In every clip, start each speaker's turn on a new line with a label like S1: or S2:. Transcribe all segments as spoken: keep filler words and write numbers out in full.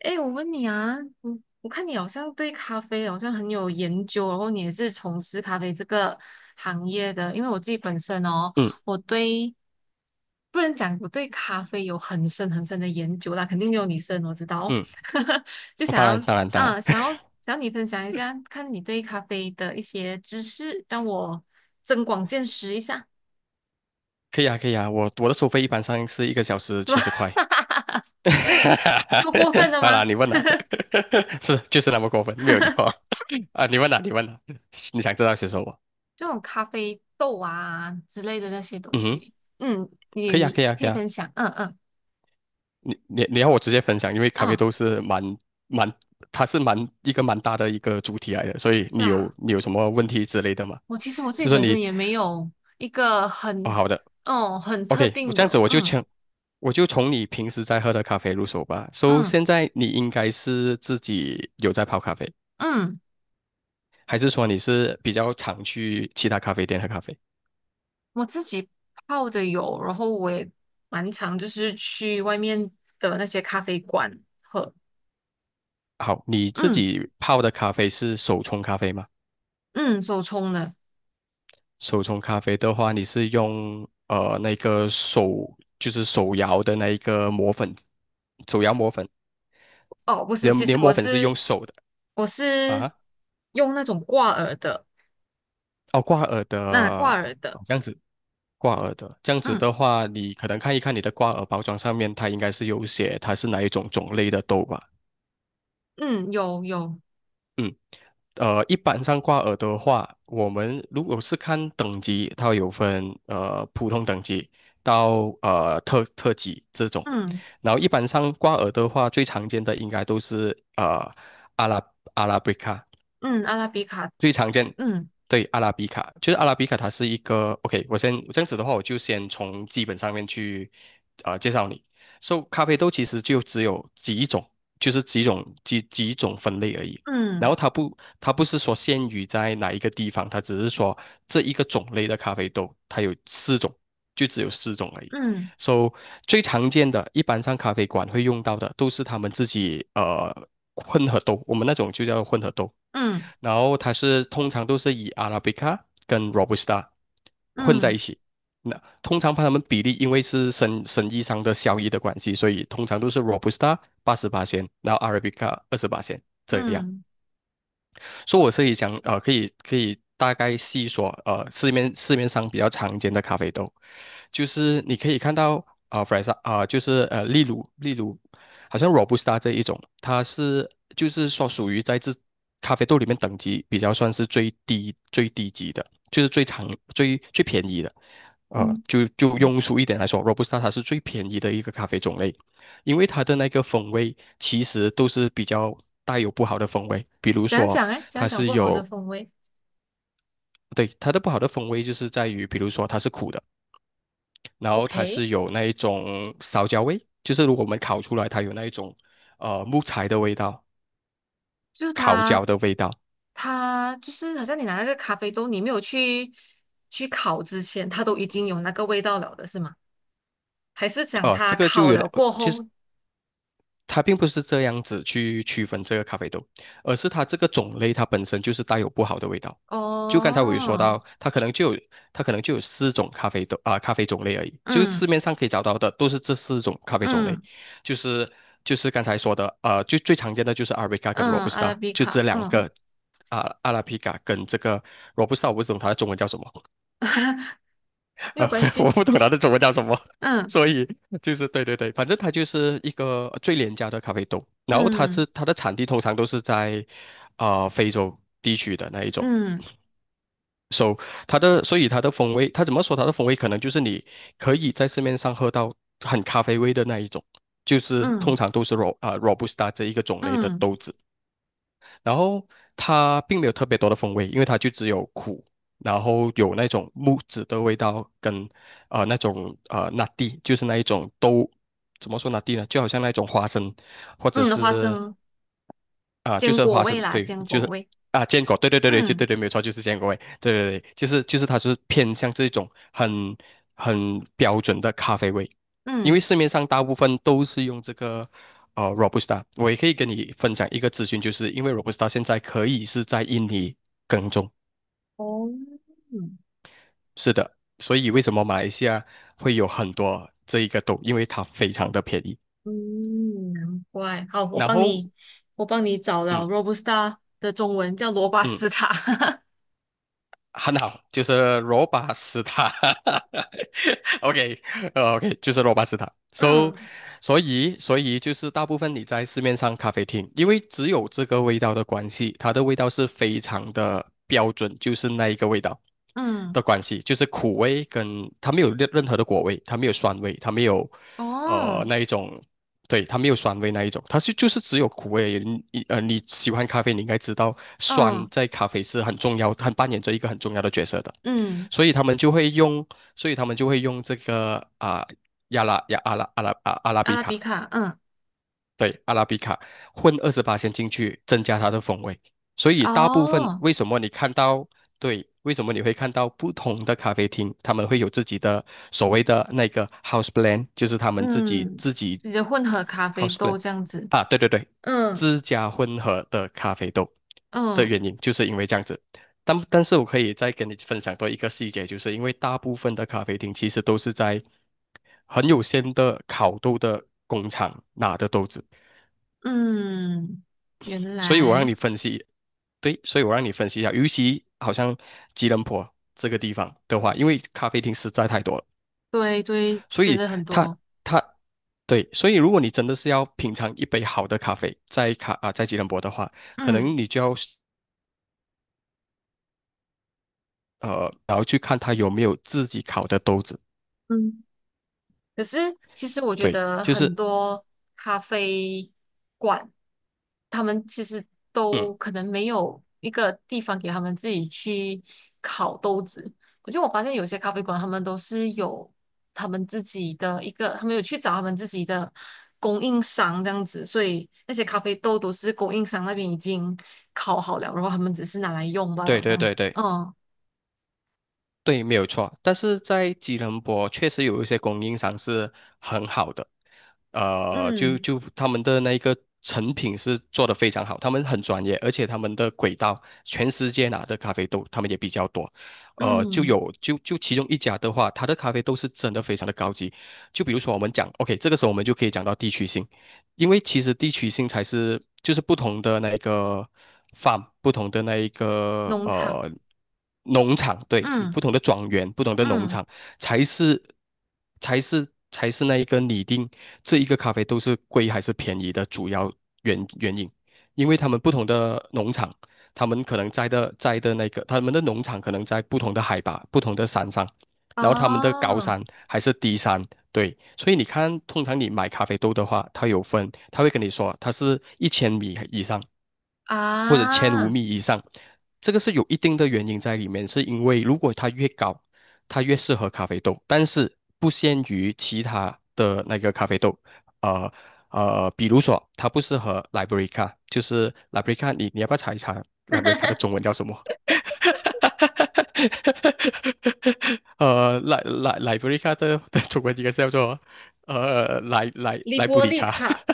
S1: 哎，我问你啊，我我看你好像对咖啡好像很有研究，然后你也是从事咖啡这个行业的。因为我自己本身哦，
S2: 嗯
S1: 我对不能讲我对咖啡有很深很深的研究啦，肯定没有你深，我知道。
S2: 嗯，
S1: 就想
S2: 当然
S1: 要
S2: 当然当然，
S1: 嗯，想要想要你分享一下，看你对咖啡的一些知识，让我增广见识一下，
S2: 可以啊可以啊，我我的收费一般上是一个小时
S1: 是吧？
S2: 七十块。
S1: 这么过分 的
S2: 好啦，
S1: 吗？
S2: 你问啦，是就是那么过分，没有错 啊。你问啦，你问啦，你想知道些什么？
S1: 这种咖啡豆啊之类的那些东
S2: 嗯哼，
S1: 西，嗯，
S2: 可以啊可
S1: 你
S2: 以啊
S1: 可
S2: 可
S1: 以
S2: 以啊，
S1: 分享，嗯嗯
S2: 你你你要我直接分享，因为咖啡
S1: 嗯，
S2: 豆是蛮蛮，它是蛮一个蛮大的一个主题来的，所以
S1: 是
S2: 你有
S1: 啊，
S2: 你有什么问题之类的吗？
S1: 我其实我自己
S2: 就说
S1: 本
S2: 你
S1: 身也没有一个
S2: 哦
S1: 很，
S2: 好的。
S1: 哦，很特
S2: OK，我
S1: 定
S2: 这样子
S1: 的，
S2: 我就
S1: 嗯
S2: 从我就从你平时在喝的咖啡入手吧。So，
S1: 嗯
S2: 现在你应该是自己有在泡咖啡，
S1: 嗯，
S2: 还是说你是比较常去其他咖啡店喝咖啡？
S1: 我自己泡的有，然后我也蛮常就是去外面的那些咖啡馆喝，
S2: 好，你自
S1: 嗯
S2: 己泡的咖啡是手冲咖啡吗？
S1: 嗯，手冲的，
S2: 手冲咖啡的话，你是用呃那个手就是手摇的那一个磨粉，手摇磨粉，
S1: 哦，不
S2: 你
S1: 是，
S2: 的
S1: 其
S2: 你的
S1: 实我
S2: 磨粉是用
S1: 是
S2: 手的
S1: 我是
S2: 啊？
S1: 用那种挂耳的，
S2: 哦，挂耳的，
S1: 那挂耳的。
S2: 哦这样子，挂耳的，这样子
S1: 嗯。
S2: 的话，你可能看一看你的挂耳包装上面，它应该是有写它是哪一种种类的豆吧。
S1: 嗯，有有，
S2: 嗯，呃，一般上挂耳的话，我们如果是看等级，它有分呃普通等级到呃特特级这种，
S1: 嗯
S2: 然后一般上挂耳的话，最常见的应该都是呃阿拉阿拉比卡，
S1: 嗯，阿拉比卡，
S2: 最常见，
S1: 嗯
S2: 对，阿拉比卡，就是阿拉比卡，它是一个 OK。我先这样子的话，我就先从基本上面去呃介绍你。So，咖啡豆其实就只有几种，就是几种几几种分类而已。然
S1: 嗯
S2: 后它不，它不是说限于在哪一个地方，它只是说这一个种类的咖啡豆，它有四种，就只有四种而已。
S1: 嗯
S2: So，最常见的，一般上咖啡馆会用到的，都是他们自己呃混合豆，我们那种就叫混合豆。
S1: 嗯
S2: 然后它是通常都是以 Arabica 跟 Robusta 混在
S1: 嗯
S2: 一起。那通常把它们比例，因为是生生意上的效益的关系，所以通常都是 Robusta 八十八仙然后 Arabica 二十八仙这样。
S1: 嗯
S2: 所以我是以讲，呃，可以可以大概细说，呃，市面市面上比较常见的咖啡豆，就是你可以看到，啊呃弗莱萨，啊、就是呃，例如例如，好像 Robusta 这一种，它是就是说属于在这咖啡豆里面等级比较算是最低最低级的，就是最常最最便宜的，呃，
S1: 嗯，
S2: 就就庸俗一点来说，Robusta 它是最便宜的一个咖啡种类。因为它的那个风味其实都是比较带有不好的风味，比如
S1: 讲
S2: 说
S1: 讲哎，讲
S2: 它
S1: 讲
S2: 是
S1: 不好的
S2: 有，
S1: 风味，
S2: 对，它的不好的风味就是在于，比如说它是苦的，然后它
S1: OK，
S2: 是有那一种烧焦味，就是如果我们烤出来，它有那一种呃木材的味道、
S1: 就是
S2: 烤
S1: 它
S2: 焦的味道，
S1: 它就是好像你拿那个咖啡豆，你没有去去烤之前，它都已经有那个味道了的是吗？还是讲
S2: 呃，这
S1: 它
S2: 个就
S1: 烤
S2: 有
S1: 了
S2: 点
S1: 过后？
S2: 它并不是这样子去区分这个咖啡豆，而是它这个种类它本身就是带有不好的味道。就刚才我有说
S1: 哦，
S2: 到，它可能就有它可能就有四种咖啡豆啊、咖啡种类而已，就是市
S1: 嗯
S2: 面上可以找到的都是这四种咖啡种类，
S1: 嗯
S2: 就是就是刚才说的，呃，就最常见的就是阿 r a b 跟罗
S1: 嗯，
S2: 布斯
S1: 阿拉
S2: 塔，
S1: 比
S2: 就这
S1: 卡，
S2: 两
S1: 嗯，
S2: 个啊、阿拉比卡跟这个 Robusta，我不懂它的中文叫什么，
S1: 没有
S2: 啊，
S1: 关
S2: 我
S1: 系，
S2: 不懂它的中文叫什么，
S1: 嗯
S2: 所以就是对对对，反正它就是一个最廉价的咖啡豆，然后它是
S1: 嗯
S2: 它的产地通常都是在啊、呃非洲地区的那一种
S1: 嗯
S2: ，so 它的所以它的风味，它怎么说它的风味可能就是你可以在市面上喝到很咖啡味的那一种，就是通
S1: 嗯
S2: 常都是 ro 啊、robusta 这一个种类的
S1: 嗯
S2: 豆子，然后它并没有特别多的风味，因为它就只有苦，然后有那种木质的味道跟呃那种呃拿地，就是那一种都怎么说拿地呢？就好像那种花生或者
S1: 嗯，花
S2: 是
S1: 生
S2: 啊，就
S1: 坚
S2: 是
S1: 果
S2: 花
S1: 味
S2: 生，
S1: 啦，
S2: 对，
S1: 坚
S2: 就
S1: 果
S2: 是
S1: 味。
S2: 啊，坚果，对对对对，就对
S1: 嗯
S2: 对，没有错，就是坚果味，对对对，就是就是它就是偏向这种很很标准的咖啡味，因为
S1: 嗯，
S2: 市面上大部分都是用这个呃 Robusta，我也可以跟你分享一个资讯，就是因为 Robusta 现在可以是在印尼耕种，
S1: 哦，嗯，
S2: 是的，所以为什么马来西亚会有很多这一个豆，因为它非常的便宜，
S1: 嗯，难怪。好，我
S2: 然
S1: 帮
S2: 后
S1: 你，我帮你找了
S2: 嗯
S1: Robusta 的中文叫罗巴
S2: 嗯，
S1: 斯塔。
S2: 很好，就是罗巴斯塔。OK，呃，OK，就是罗巴斯塔。So，
S1: 嗯
S2: 所以所以就是大部分你在市面上咖啡厅，因为只有这个味道的关系，它的味道是非常的标准，就是那一个味道
S1: 嗯，
S2: 的关系，就是苦味跟它没有任任何的果味，它没有酸味，它没有呃
S1: 哦，
S2: 那一种，对，它没有酸味那一种，它是就是只有苦味而已。你你呃你喜欢咖啡，你应该知道酸
S1: 嗯
S2: 在咖啡是很重要，它扮演着一个很重要的角色的。
S1: 嗯，
S2: 所以他们就会用，所以他们就会用这个啊、亚拉亚阿拉阿拉啊阿拉
S1: 阿
S2: 比
S1: 拉比
S2: 卡，
S1: 卡，嗯，
S2: 对，阿拉比卡混二十八先进去，增加它的风味。所以大部分
S1: 哦，
S2: 为什么你看到，对，为什么你会看到不同的咖啡厅，他们会有自己的所谓的那个 house blend，就是他们自己
S1: 嗯，
S2: 自己
S1: 直接混合咖啡
S2: house
S1: 豆
S2: blend
S1: 这样子。
S2: 啊，对对对，
S1: 嗯
S2: 自家混合的咖啡豆的
S1: 嗯
S2: 原因，就是因为这样子。但但是我可以再跟你分享多一个细节，就是因为大部分的咖啡厅其实都是在很有限的烤豆的工厂拿的豆子，
S1: 嗯，原
S2: 所以我让
S1: 来，
S2: 你分析，对，所以我让你分析一下，尤其好像吉隆坡这个地方的话，因为咖啡厅实在太多了，
S1: 对对，
S2: 所
S1: 真
S2: 以
S1: 的很
S2: 它
S1: 多。
S2: 它对，所以如果你真的是要品尝一杯好的咖啡，在卡啊、在吉隆坡的话，可
S1: 嗯
S2: 能你就要呃，然后去看它有没有自己烤的豆子，
S1: 嗯。可是其实我觉
S2: 对，
S1: 得
S2: 就是。
S1: 很多咖啡馆，他们其实
S2: 嗯。
S1: 都可能没有一个地方给他们自己去烤豆子。我是我发现有些咖啡馆，他们都是有他们自己的一个，他们有去找他们自己的供应商这样子，所以那些咖啡豆都是供应商那边已经烤好了，然后他们只是拿来用罢
S2: 对
S1: 了这
S2: 对
S1: 样
S2: 对
S1: 子。
S2: 对
S1: 嗯
S2: 对，没有错。但是在吉隆坡确实有一些供应商是很好的，呃，就
S1: 嗯
S2: 就他们的那个成品是做的非常好，他们很专业，而且他们的轨道全世界拿的咖啡豆他们也比较多，呃，就
S1: 嗯，
S2: 有就就其中一家的话，它的咖啡豆是真的非常的高级。就比如说我们讲，OK，这个时候我们就可以讲到地区性。因为其实地区性才是就是不同的那一个 farm，不同的那一个
S1: 农场，
S2: 呃农场，对，
S1: 嗯
S2: 不同的庄园，不同的农
S1: 嗯，
S2: 场才是才是才是那一个拟定这一个咖啡豆是贵还是便宜的主要原原因，因为他们不同的农场，他们可能栽的栽的那个他们的农场可能在不同的海拔、不同的山上，然后他们的高
S1: 哦。
S2: 山还是低山。对，所以你看，通常你买咖啡豆的话，它有分，它会跟你说它是一千米以上，或者千五
S1: 啊，
S2: 米以上，这个是有一定的原因在里面，是因为如果它越高，它越适合咖啡豆，但是不限于其他的那个咖啡豆，呃呃，比如说它不适合 Liberica，就是 Liberica，你你要不要查一查 Liberica 的中文叫什么？呃，来来来，布里卡的 的中文應該是叫做呃萊萊
S1: 利
S2: 萊布
S1: 波
S2: 里
S1: 利
S2: 卡。
S1: 卡，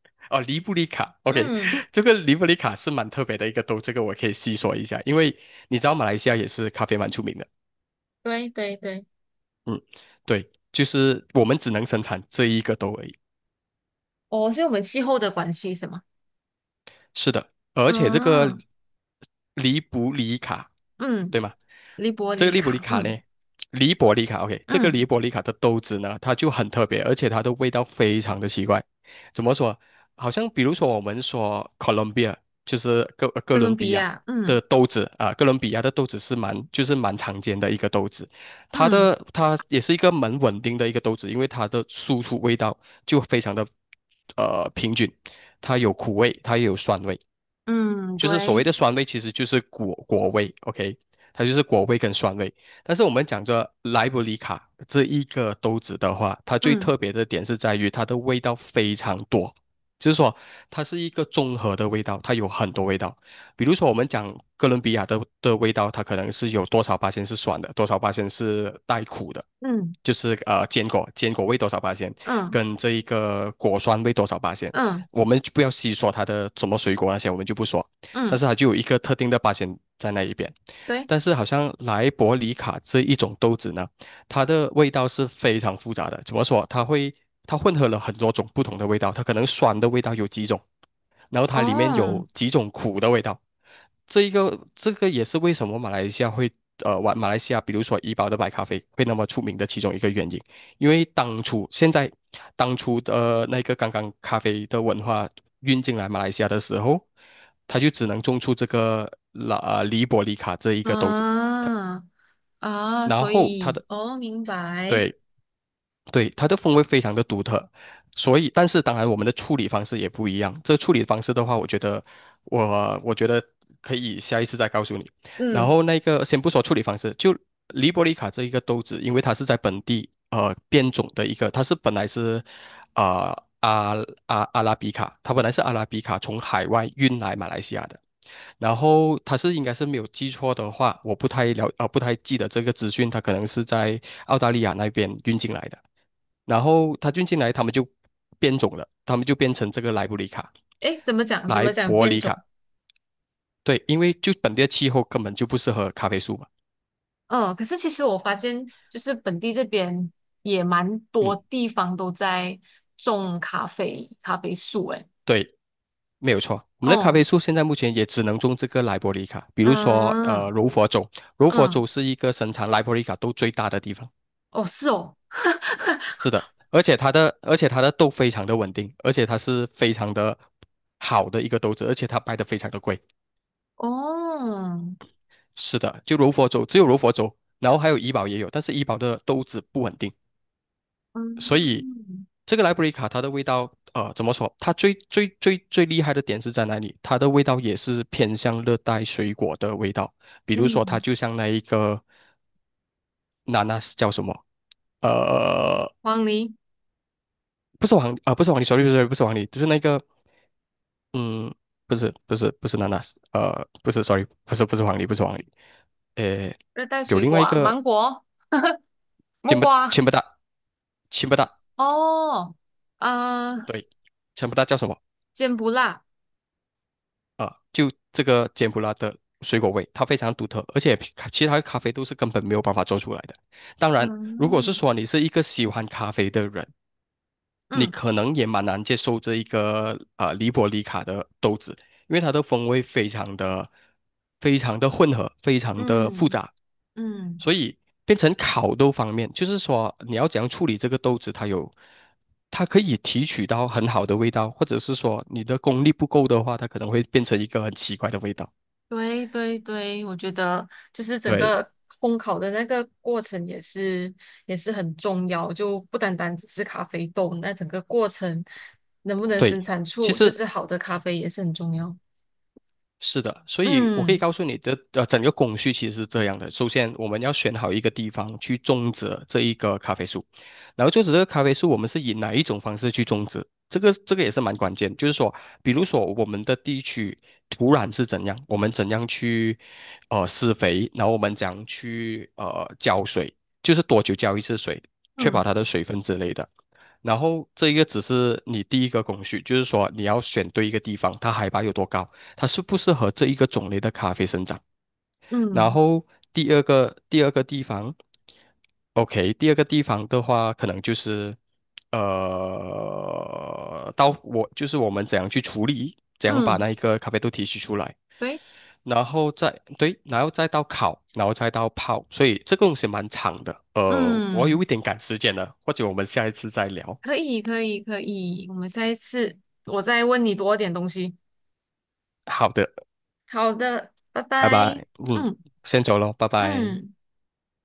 S2: 哦，黎布里卡。OK，
S1: 嗯，
S2: 这个黎布里卡是蛮特别的一个豆，这个我可以细说一下，因为你知道马来西亚也是咖啡蛮出名的，
S1: 对对对，
S2: 嗯，对，就是我们只能生产这一个豆而已，
S1: 哦，所以我们气候的关系是吗？
S2: 是的，而且这个
S1: 嗯
S2: 利布里卡，
S1: 嗯，
S2: 对吗？
S1: 利波
S2: 这个
S1: 利
S2: 利布里
S1: 卡，
S2: 卡呢，
S1: 嗯
S2: 利伯利卡，OK，这个
S1: 嗯，
S2: 利伯利卡的豆子呢，它就很特别，而且它的味道非常的奇怪。怎么说？好像比如说我们说 Colombia，就是哥呃哥
S1: 哥
S2: 伦
S1: 伦比
S2: 比亚
S1: 亚，嗯
S2: 的豆子啊，哥伦比亚的豆子是蛮就是蛮常见的一个豆子，它
S1: 嗯
S2: 的它也是一个蛮稳定的一个豆子，因为它的输出味道就非常的呃平均，它有苦味，它也有酸味。
S1: 嗯，
S2: 就是所谓
S1: 对，
S2: 的酸味，其实就是果果味，OK，它就是果味跟酸味。但是我们讲着莱布里卡这一个豆子的话，它最
S1: 嗯
S2: 特别的点是在于它的味道非常多，就是说它是一个综合的味道，它有很多味道。比如说我们讲哥伦比亚的的味道，它可能是有多少八仙是酸的，多少八仙是带苦的。
S1: 嗯
S2: 就是呃坚果，坚果味多少八仙，
S1: 嗯
S2: 跟这一个果酸味多少八仙，
S1: 嗯
S2: 我们就不要细说它的什么水果那些，我们就不说。但
S1: 嗯，
S2: 是它就有一个特定的八仙在那一边。
S1: 对，
S2: 但是好像莱伯里卡这一种豆子呢，它的味道是非常复杂的。怎么说？它会它混合了很多种不同的味道，它可能酸的味道有几种，然后它里面
S1: 哦，
S2: 有几种苦的味道。这一个这个也是为什么马来西亚会呃，马马来西亚比如说怡宝的白咖啡会那么出名的其中一个原因。因为当初现在当初的那个刚刚咖啡的文化运进来马来西亚的时候，他就只能种出这个拉啊黎伯里卡这一个豆子，
S1: 啊啊，
S2: 然
S1: 所
S2: 后他
S1: 以
S2: 的
S1: 哦，明白，
S2: 对对，它的风味非常的独特，所以，但是当然我们的处理方式也不一样。这处理方式的话，我觉得我我觉得可以下一次再告诉你。然
S1: 嗯，
S2: 后那个先不说处理方式，就黎波里卡这一个豆子，因为它是在本地呃变种的一个，它是本来是啊、呃、阿阿阿拉比卡，它本来是阿拉比卡从海外运来马来西亚的。然后他是应该是没有记错的话，我不太了啊、不太记得这个资讯，他可能是在澳大利亚那边运进来的。然后他运进来，他们就变种了，他们就变成这个莱布里卡、
S1: 诶，怎么讲？怎
S2: 莱
S1: 么讲
S2: 伯
S1: 变
S2: 里
S1: 种？
S2: 卡。对，因为就本地的气候根本就不适合咖啡树嘛。
S1: 嗯，可是其实我发现，就是本地这边也蛮多
S2: 嗯，
S1: 地方都在种咖啡咖啡树，诶，
S2: 对，没有错。我们的咖啡
S1: 哦，
S2: 树现在目前也只能种这个莱伯里卡，比如说呃
S1: 嗯
S2: 柔佛州，柔佛
S1: 嗯，
S2: 州是一个生产莱伯里卡豆最大的地方。
S1: 哦是哦，
S2: 是的，而且它的而且它的豆非常的稳定，而且它是非常的好的一个豆子，而且它卖的非常的贵。
S1: 哦，
S2: 是的，就柔佛州只有柔佛州，然后还有怡宝也有，但是怡宝的豆子不稳定，所以
S1: 嗯
S2: 这个莱布里卡它的味道，呃，怎么说？它最最最最厉害的点是在哪里？它的味道也是偏向热带水果的味道，比如说它
S1: 嗯，
S2: 就像那一个娜娜是叫什么？呃，
S1: 黄梨、
S2: 不是黄啊、不是黄梨 s o r r 不是黄梨，就是那个嗯，不是不是不是娜娜，呃，不是，sorry，不是不是黄梨，不是黄梨，呃，
S1: 热带
S2: 有
S1: 水
S2: 另
S1: 果
S2: 外一
S1: 啊，
S2: 个
S1: 芒果、木
S2: 柬埔
S1: 瓜，
S2: 柬不寨柬不寨，
S1: 哦，啊，
S2: 对，柬埔寨叫什么
S1: 坚不辣，
S2: 啊？就这个柬埔寨的水果味，它非常独特，而且其他的咖啡都是根本没有办法做出来的。当然，如果是
S1: 嗯
S2: 说你是一个喜欢咖啡的人，你
S1: 嗯
S2: 可能也蛮难接受这一个啊黎伯里卡的豆子，因为它的风味非常的非常的混合，非常的复
S1: 嗯
S2: 杂。
S1: 嗯。
S2: 所以变成烤豆方面，就是说你要怎样处理这个豆子，它有，它可以提取到很好的味道，或者是说你的功力不够的话，它可能会变成一个很奇怪的味道。
S1: 对对对，我觉得就是整
S2: 对
S1: 个烘烤的那个过程也是也是很重要，就不单单只是咖啡豆，那整个过程能不能
S2: 对，
S1: 生产
S2: 其
S1: 出就
S2: 实
S1: 是好的咖啡也是很重要。
S2: 是的，所以我可以
S1: 嗯
S2: 告诉你的，呃，整个工序其实是这样的。首先，我们要选好一个地方去种植这一个咖啡树，然后种植这个咖啡树，我们是以哪一种方式去种植？这个这个也是蛮关键，就是说，比如说我们的地区土壤是怎样，我们怎样去呃施肥，然后我们怎样去呃浇水，就是多久浇一次水，确保
S1: 嗯
S2: 它的水分之类的。然后这一个只是你第一个工序，就是说你要选对一个地方，它海拔有多高，它适不适合这一个种类的咖啡生长。然
S1: 嗯
S2: 后第二个第二个地方，OK，第二个地方的话，可能就是呃，到我就是我们怎样去处理，怎样把
S1: 嗯，
S2: 那一个咖啡豆提取出来，
S1: 对，
S2: 然后再对，然后再到烤，然后再到泡，所以这个东西蛮长的。呃，我有
S1: 嗯，
S2: 一点赶时间了，或者我们下一次再聊。
S1: 可以可以可以，我们下一次我再问你多点东西。
S2: 好的，
S1: 好的，拜
S2: 拜
S1: 拜。
S2: 拜。嗯，
S1: 嗯
S2: 先走喽，拜拜。
S1: 嗯。